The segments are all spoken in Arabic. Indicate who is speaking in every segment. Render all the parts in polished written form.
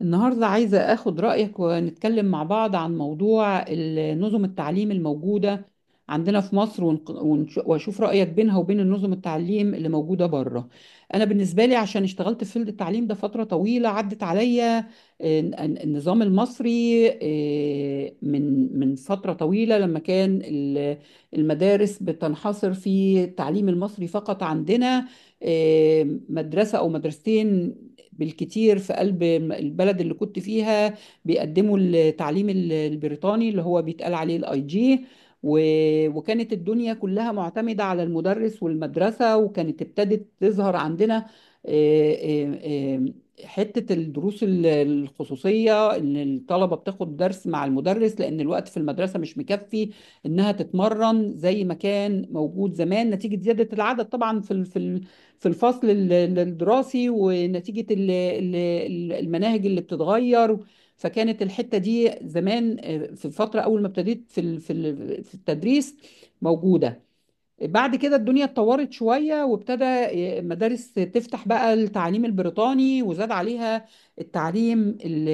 Speaker 1: النهاردة عايزة أخد رأيك ونتكلم مع بعض عن موضوع نظم التعليم الموجودة عندنا في مصر وأشوف رأيك بينها وبين النظم التعليم اللي موجودة بره. أنا بالنسبة لي عشان اشتغلت في فيلد التعليم ده فترة طويلة عدت عليا. آه، ن- النظام المصري، من فترة طويلة لما كان المدارس بتنحصر في التعليم المصري فقط عندنا، مدرسة أو مدرستين بالكتير في قلب البلد اللي كنت فيها بيقدموا التعليم البريطاني اللي هو بيتقال عليه الاي جي. وكانت الدنيا كلها معتمدة على المدرس والمدرسة، وكانت ابتدت تظهر عندنا، آه، آه، آه، حتة الدروس الخصوصية، إن الطلبة بتاخد درس مع المدرس لأن الوقت في المدرسة مش مكفي إنها تتمرن زي ما كان موجود زمان، نتيجة زيادة العدد طبعا في في الفصل الدراسي، ونتيجة المناهج اللي بتتغير. فكانت الحتة دي زمان، في الفترة أول ما ابتديت في في التدريس، موجودة. بعد كده الدنيا اتطورت شوية وابتدى مدارس تفتح بقى التعليم البريطاني، وزاد عليها التعليم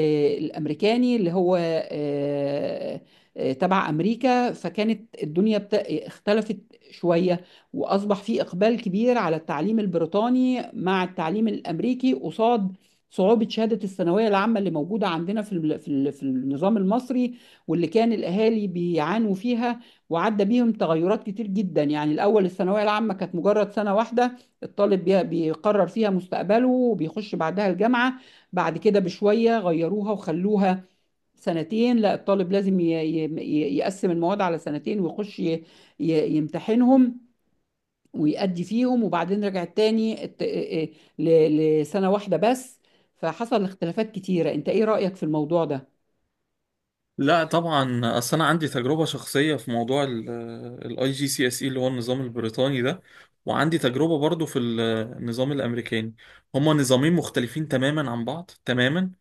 Speaker 1: الأمريكاني اللي هو تبع أمريكا. فكانت الدنيا اختلفت شوية، وأصبح في إقبال كبير على التعليم البريطاني مع التعليم الأمريكي قصاد صعوبة شهادة الثانوية العامة اللي موجودة عندنا في في النظام المصري واللي كان الأهالي بيعانوا فيها. وعدى بيهم تغيرات كتير جدا، يعني الأول الثانوية العامة كانت مجرد سنة واحدة الطالب بيقرر فيها مستقبله وبيخش بعدها الجامعة. بعد كده بشوية غيروها وخلوها سنتين، لا الطالب لازم يقسم المواد على سنتين ويخش يمتحنهم ويأدي فيهم، وبعدين رجعت تاني لسنة واحدة بس. فحصل اختلافات كتيرة، انت ايه رأيك في الموضوع ده؟
Speaker 2: لا طبعا، اصل انا عندي تجربه شخصيه في موضوع الاي جي سي اس اي اللي هو النظام البريطاني ده، وعندي تجربه برضو في النظام الامريكاني. هما نظامين مختلفين تماما عن بعض تماما.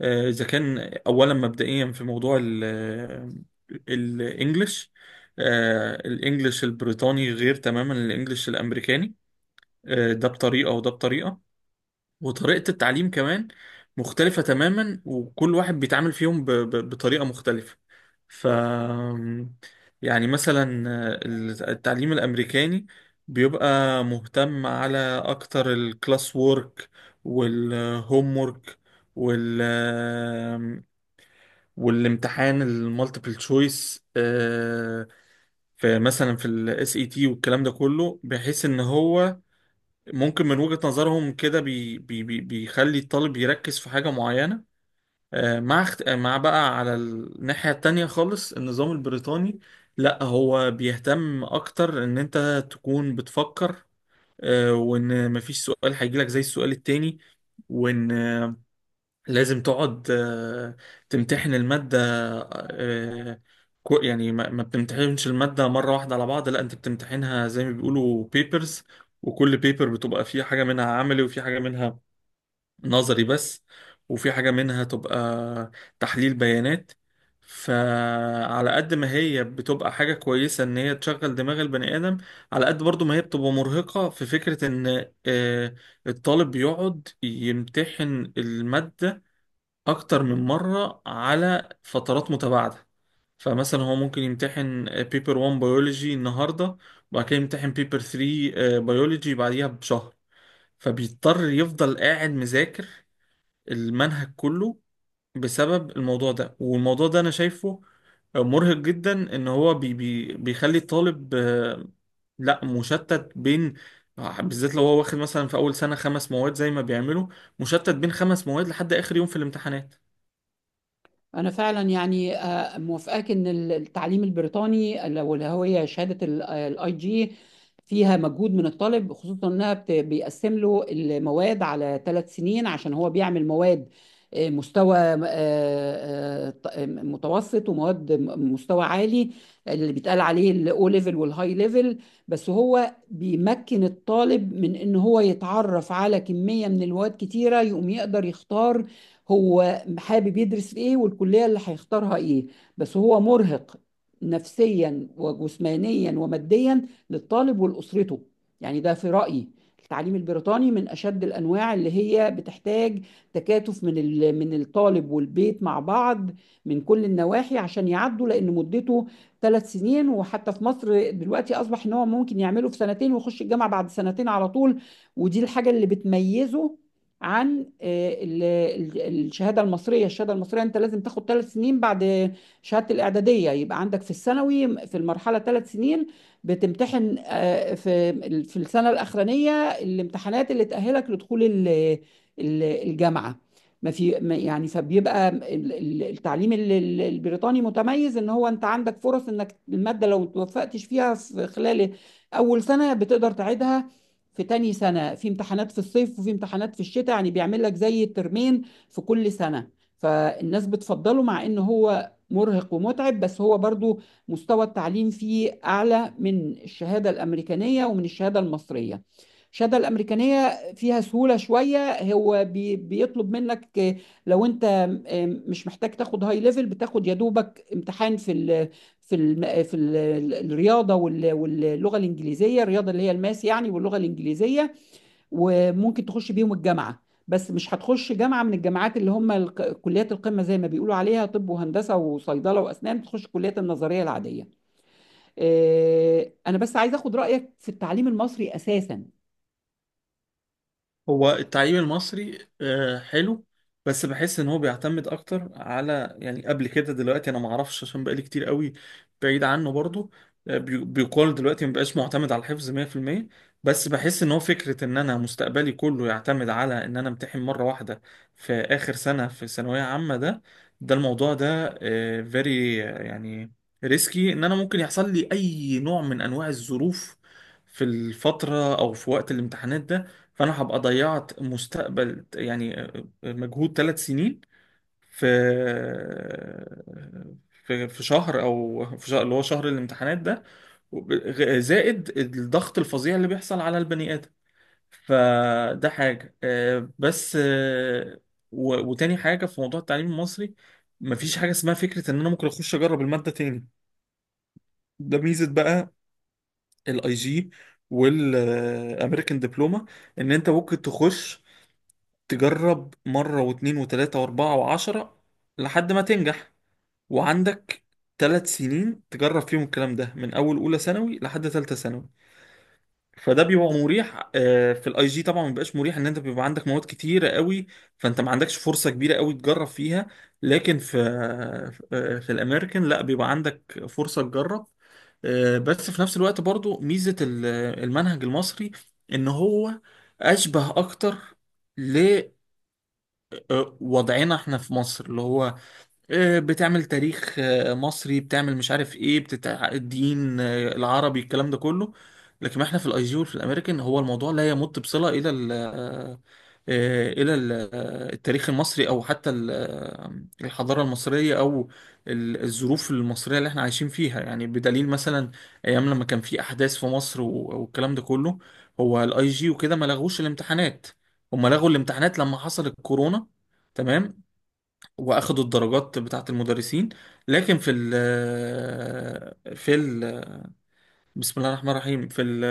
Speaker 2: اذا كان اولا مبدئيا في موضوع الانجليش، الانجليش البريطاني غير تماما الانجليش الامريكاني. ده بطريقه وده بطريقه، وطريقة التعليم كمان مختلفة تماما، وكل واحد بيتعامل فيهم بطريقة مختلفة. ف يعني مثلا التعليم الأمريكاني بيبقى مهتم على أكتر الكلاس وورك والهوم وورك وال والامتحان المالتيبل تشويس، في مثلا في الاس اي تي والكلام ده كله، بحيث ان هو ممكن من وجهة نظرهم كده بي بي بي بيخلي الطالب يركز في حاجة معينة. آه، مع اخت... آه، مع بقى على الناحية التانية خالص النظام البريطاني، لا هو بيهتم أكتر إن أنت تكون بتفكر، وإن مفيش سؤال هيجيلك زي السؤال التاني، وإن لازم تقعد تمتحن المادة. آه، يعني ما بتمتحنش المادة مرة واحدة على بعض، لا انت بتمتحنها زي ما بيقولوا بيبرز. وكل بيبر بتبقى فيه حاجة منها عملي، وفي حاجة منها نظري بس، وفي حاجة منها تبقى تحليل بيانات. فعلى قد ما هي بتبقى حاجة كويسة ان هي تشغل دماغ البني آدم، على قد برضو ما هي بتبقى مرهقة في فكرة ان الطالب بيقعد يمتحن المادة اكتر من مرة على فترات متباعدة. فمثلا هو ممكن يمتحن بيبر 1 بيولوجي النهاردة، وبعد كده يمتحن بيبر 3 بيولوجي بعديها بشهر، فبيضطر يفضل قاعد مذاكر المنهج كله بسبب الموضوع ده. والموضوع ده انا شايفه مرهق جدا، ان هو بي بي بيخلي الطالب لا مشتت بين، بالذات لو هو واخد مثلا في اول سنة خمس مواد زي ما بيعملوا، مشتت بين خمس مواد لحد اخر يوم في الامتحانات.
Speaker 1: أنا فعلا يعني موافقاك إن التعليم البريطاني لو اللي هي شهادة الاي جي فيها مجهود من الطالب، خصوصا إنها بيقسم له المواد على ثلاث سنين عشان هو بيعمل مواد، مستوى متوسط ومواد مستوى عالي اللي بيتقال عليه الاو ليفل والهاي ليفل. بس هو بيمكن الطالب من ان هو يتعرف على كمية من المواد كتيرة، يقوم يقدر يختار هو حابب يدرس في ايه والكلية اللي هيختارها ايه. بس هو مرهق نفسيا وجسمانيا وماديا للطالب ولأسرته. يعني ده في رأيي التعليم البريطاني من أشد الأنواع اللي هي بتحتاج تكاتف من من الطالب والبيت مع بعض من كل النواحي عشان يعدوا، لأن مدته ثلاث سنين. وحتى في مصر دلوقتي أصبح إن هو ممكن يعمله في سنتين ويخش الجامعة بعد سنتين على طول. ودي الحاجة اللي بتميزه عن الشهاده المصريه. الشهاده المصريه انت لازم تاخد ثلاث سنين بعد شهاده الاعداديه، يبقى عندك في الثانوي في المرحله ثلاث سنين، بتمتحن في السنه الاخرانيه الامتحانات اللي تاهلك لدخول الجامعه. ما في يعني فبيبقى التعليم البريطاني متميز ان هو انت عندك فرص انك الماده لو توفقتش فيها في خلال اول سنه بتقدر تعيدها في تاني سنة، في امتحانات في الصيف وفي امتحانات في الشتاء، يعني بيعمل لك زي ترمين في كل سنة. فالناس بتفضله مع ان هو مرهق ومتعب، بس هو برضو مستوى التعليم فيه أعلى من الشهادة الأمريكانية ومن الشهادة المصرية. الشهادة الأمريكانية فيها سهولة شوية، هو بيطلب منك لو أنت مش محتاج تاخد هاي ليفل بتاخد يا دوبك امتحان في ال في الم... في ال- ال- الرياضه واللغه الانجليزيه، الرياضه اللي هي الماس يعني واللغه الانجليزيه، وممكن تخش بيهم الجامعه. بس مش هتخش جامعه من الجامعات اللي هم كليات القمه زي ما بيقولوا عليها، طب وهندسه وصيدله واسنان، تخش الكليات النظريه العاديه. انا بس عايز اخد رايك في التعليم المصري اساسا.
Speaker 2: هو التعليم المصري حلو، بس بحس ان هو بيعتمد اكتر على، يعني قبل كده، دلوقتي انا ما اعرفش عشان بقالي كتير قوي بعيد عنه برضو. بيقال دلوقتي ما بقاش معتمد على الحفظ 100%، بس بحس ان هو فكرة ان انا مستقبلي كله يعتمد على ان انا امتحن مرة واحدة في اخر سنة في ثانوية عامة. ده ده الموضوع ده فيري يعني ريسكي، ان انا ممكن يحصل لي اي نوع من انواع الظروف في الفترة او في وقت الامتحانات ده، فانا هبقى ضيعت مستقبل، يعني مجهود 3 سنين في، في في شهر، او في شهر اللي هو شهر الامتحانات ده، وب- زائد الضغط الفظيع اللي بيحصل على البني ادم. فده حاجه. وتاني حاجه في موضوع التعليم المصري، مفيش حاجه اسمها فكره ان انا ممكن اخش اجرب الماده تاني. ده ميزه بقى الاي جي والامريكان دبلومه، ان انت ممكن تخش تجرب مرة واتنين وتلاتة واربعة وعشرة لحد ما تنجح، وعندك تلات سنين تجرب فيهم الكلام ده من أول أولى ثانوي لحد تالتة ثانوي. فده بيبقى مريح. في الاي جي طبعا ما بيبقاش مريح، ان انت بيبقى عندك مواد كتيرة قوي، فانت ما عندكش فرصة كبيرة قوي تجرب فيها، لكن في في الامريكان لا، بيبقى عندك فرصة تجرب. بس في نفس الوقت برضو ميزة المنهج المصري ان هو اشبه اكتر وضعنا احنا في مصر، اللي هو بتعمل تاريخ مصري، بتعمل مش عارف ايه بتتع الدين العربي الكلام ده كله. لكن ما احنا في الاي جي وفي الامريكان هو الموضوع لا يمت بصلة الى ال آه، آه، الى ال- آه، التاريخ المصري، او حتى الحضارة المصرية، او الظروف المصرية اللي احنا عايشين فيها. يعني بدليل مثلا ايام لما كان في احداث في مصر والكلام ده كله، هو الاي جي وكده ما لغوش الامتحانات. هم لغوا الامتحانات لما حصل الكورونا، تمام، واخدوا الدرجات بتاعت المدرسين. لكن في ال في ال بسم الله الرحمن الرحيم، في ال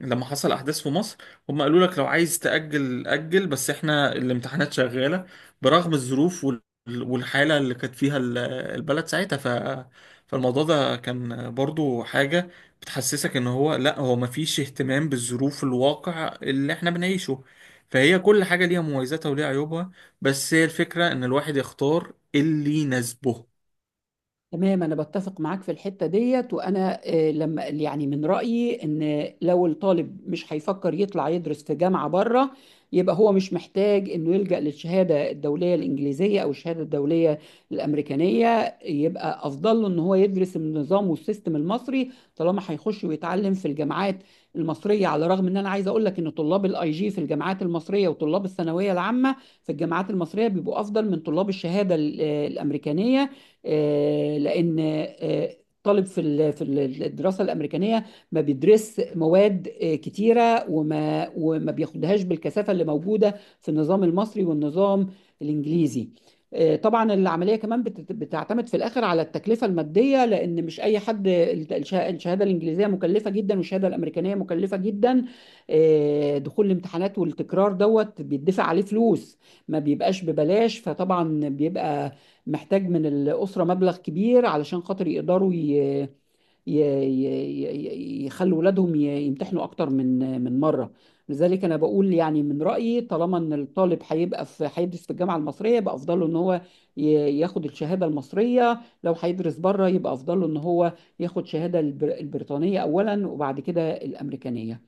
Speaker 2: لما حصل احداث في مصر، هم قالوا لك لو عايز تأجل أجل، بس احنا الامتحانات شغالة، برغم الظروف والحالة اللي كانت فيها البلد ساعتها. فالموضوع ده كان برضو حاجة بتحسسك ان هو لا، هو مفيش اهتمام بالظروف الواقع اللي احنا بنعيشه. فهي كل حاجة ليها مميزاتها وليها عيوبها، بس هي الفكرة ان الواحد يختار اللي يناسبه.
Speaker 1: تمام، أنا بتفق معاك في الحتة ديت. وأنا لما يعني من رأيي إن لو الطالب مش هيفكر يطلع يدرس في جامعة بره يبقى هو مش محتاج إنه يلجأ للشهادة الدولية الإنجليزية أو الشهادة الدولية الأمريكانية، يبقى أفضل له إن هو يدرس النظام والسيستم المصري طالما هيخش ويتعلم في الجامعات المصرية. على الرغم إن أنا عايز أقول لك إن طلاب الأي جي في الجامعات المصرية وطلاب الثانوية العامة في الجامعات المصرية بيبقوا أفضل من طلاب الشهادة الأمريكانية، لان الطالب في الدراسه الامريكانيه ما بيدرس مواد كتيره، وما بياخدهاش بالكثافه اللي موجوده في النظام المصري والنظام الانجليزي. طبعا العمليه كمان بتعتمد في الاخر على التكلفه الماديه، لان مش اي حد، الشهاده الانجليزيه مكلفه جدا والشهاده الامريكانيه مكلفه جدا. دخول الامتحانات والتكرار دوت بيدفع عليه فلوس، ما بيبقاش ببلاش، فطبعا بيبقى محتاج من الأسرة مبلغ كبير علشان خاطر يقدروا يخلوا ولادهم يمتحنوا أكتر من مرة. لذلك أنا بقول يعني من رأيي طالما إن الطالب هيبقى في هيدرس في الجامعة المصرية يبقى أفضل له إن هو ياخد الشهادة المصرية، لو هيدرس بره يبقى أفضل له إن هو ياخد شهادة البريطانية أولا وبعد كده الأمريكانية.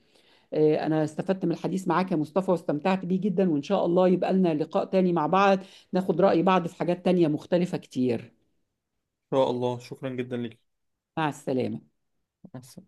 Speaker 1: انا استفدت من الحديث معاك يا مصطفى واستمتعت بيه جدا، وان شاء الله يبقى لنا لقاء تاني مع بعض ناخد رأي بعض في حاجات تانية مختلفة كتير.
Speaker 2: ان شاء الله، شكرا جدا
Speaker 1: مع السلامة.
Speaker 2: ليك.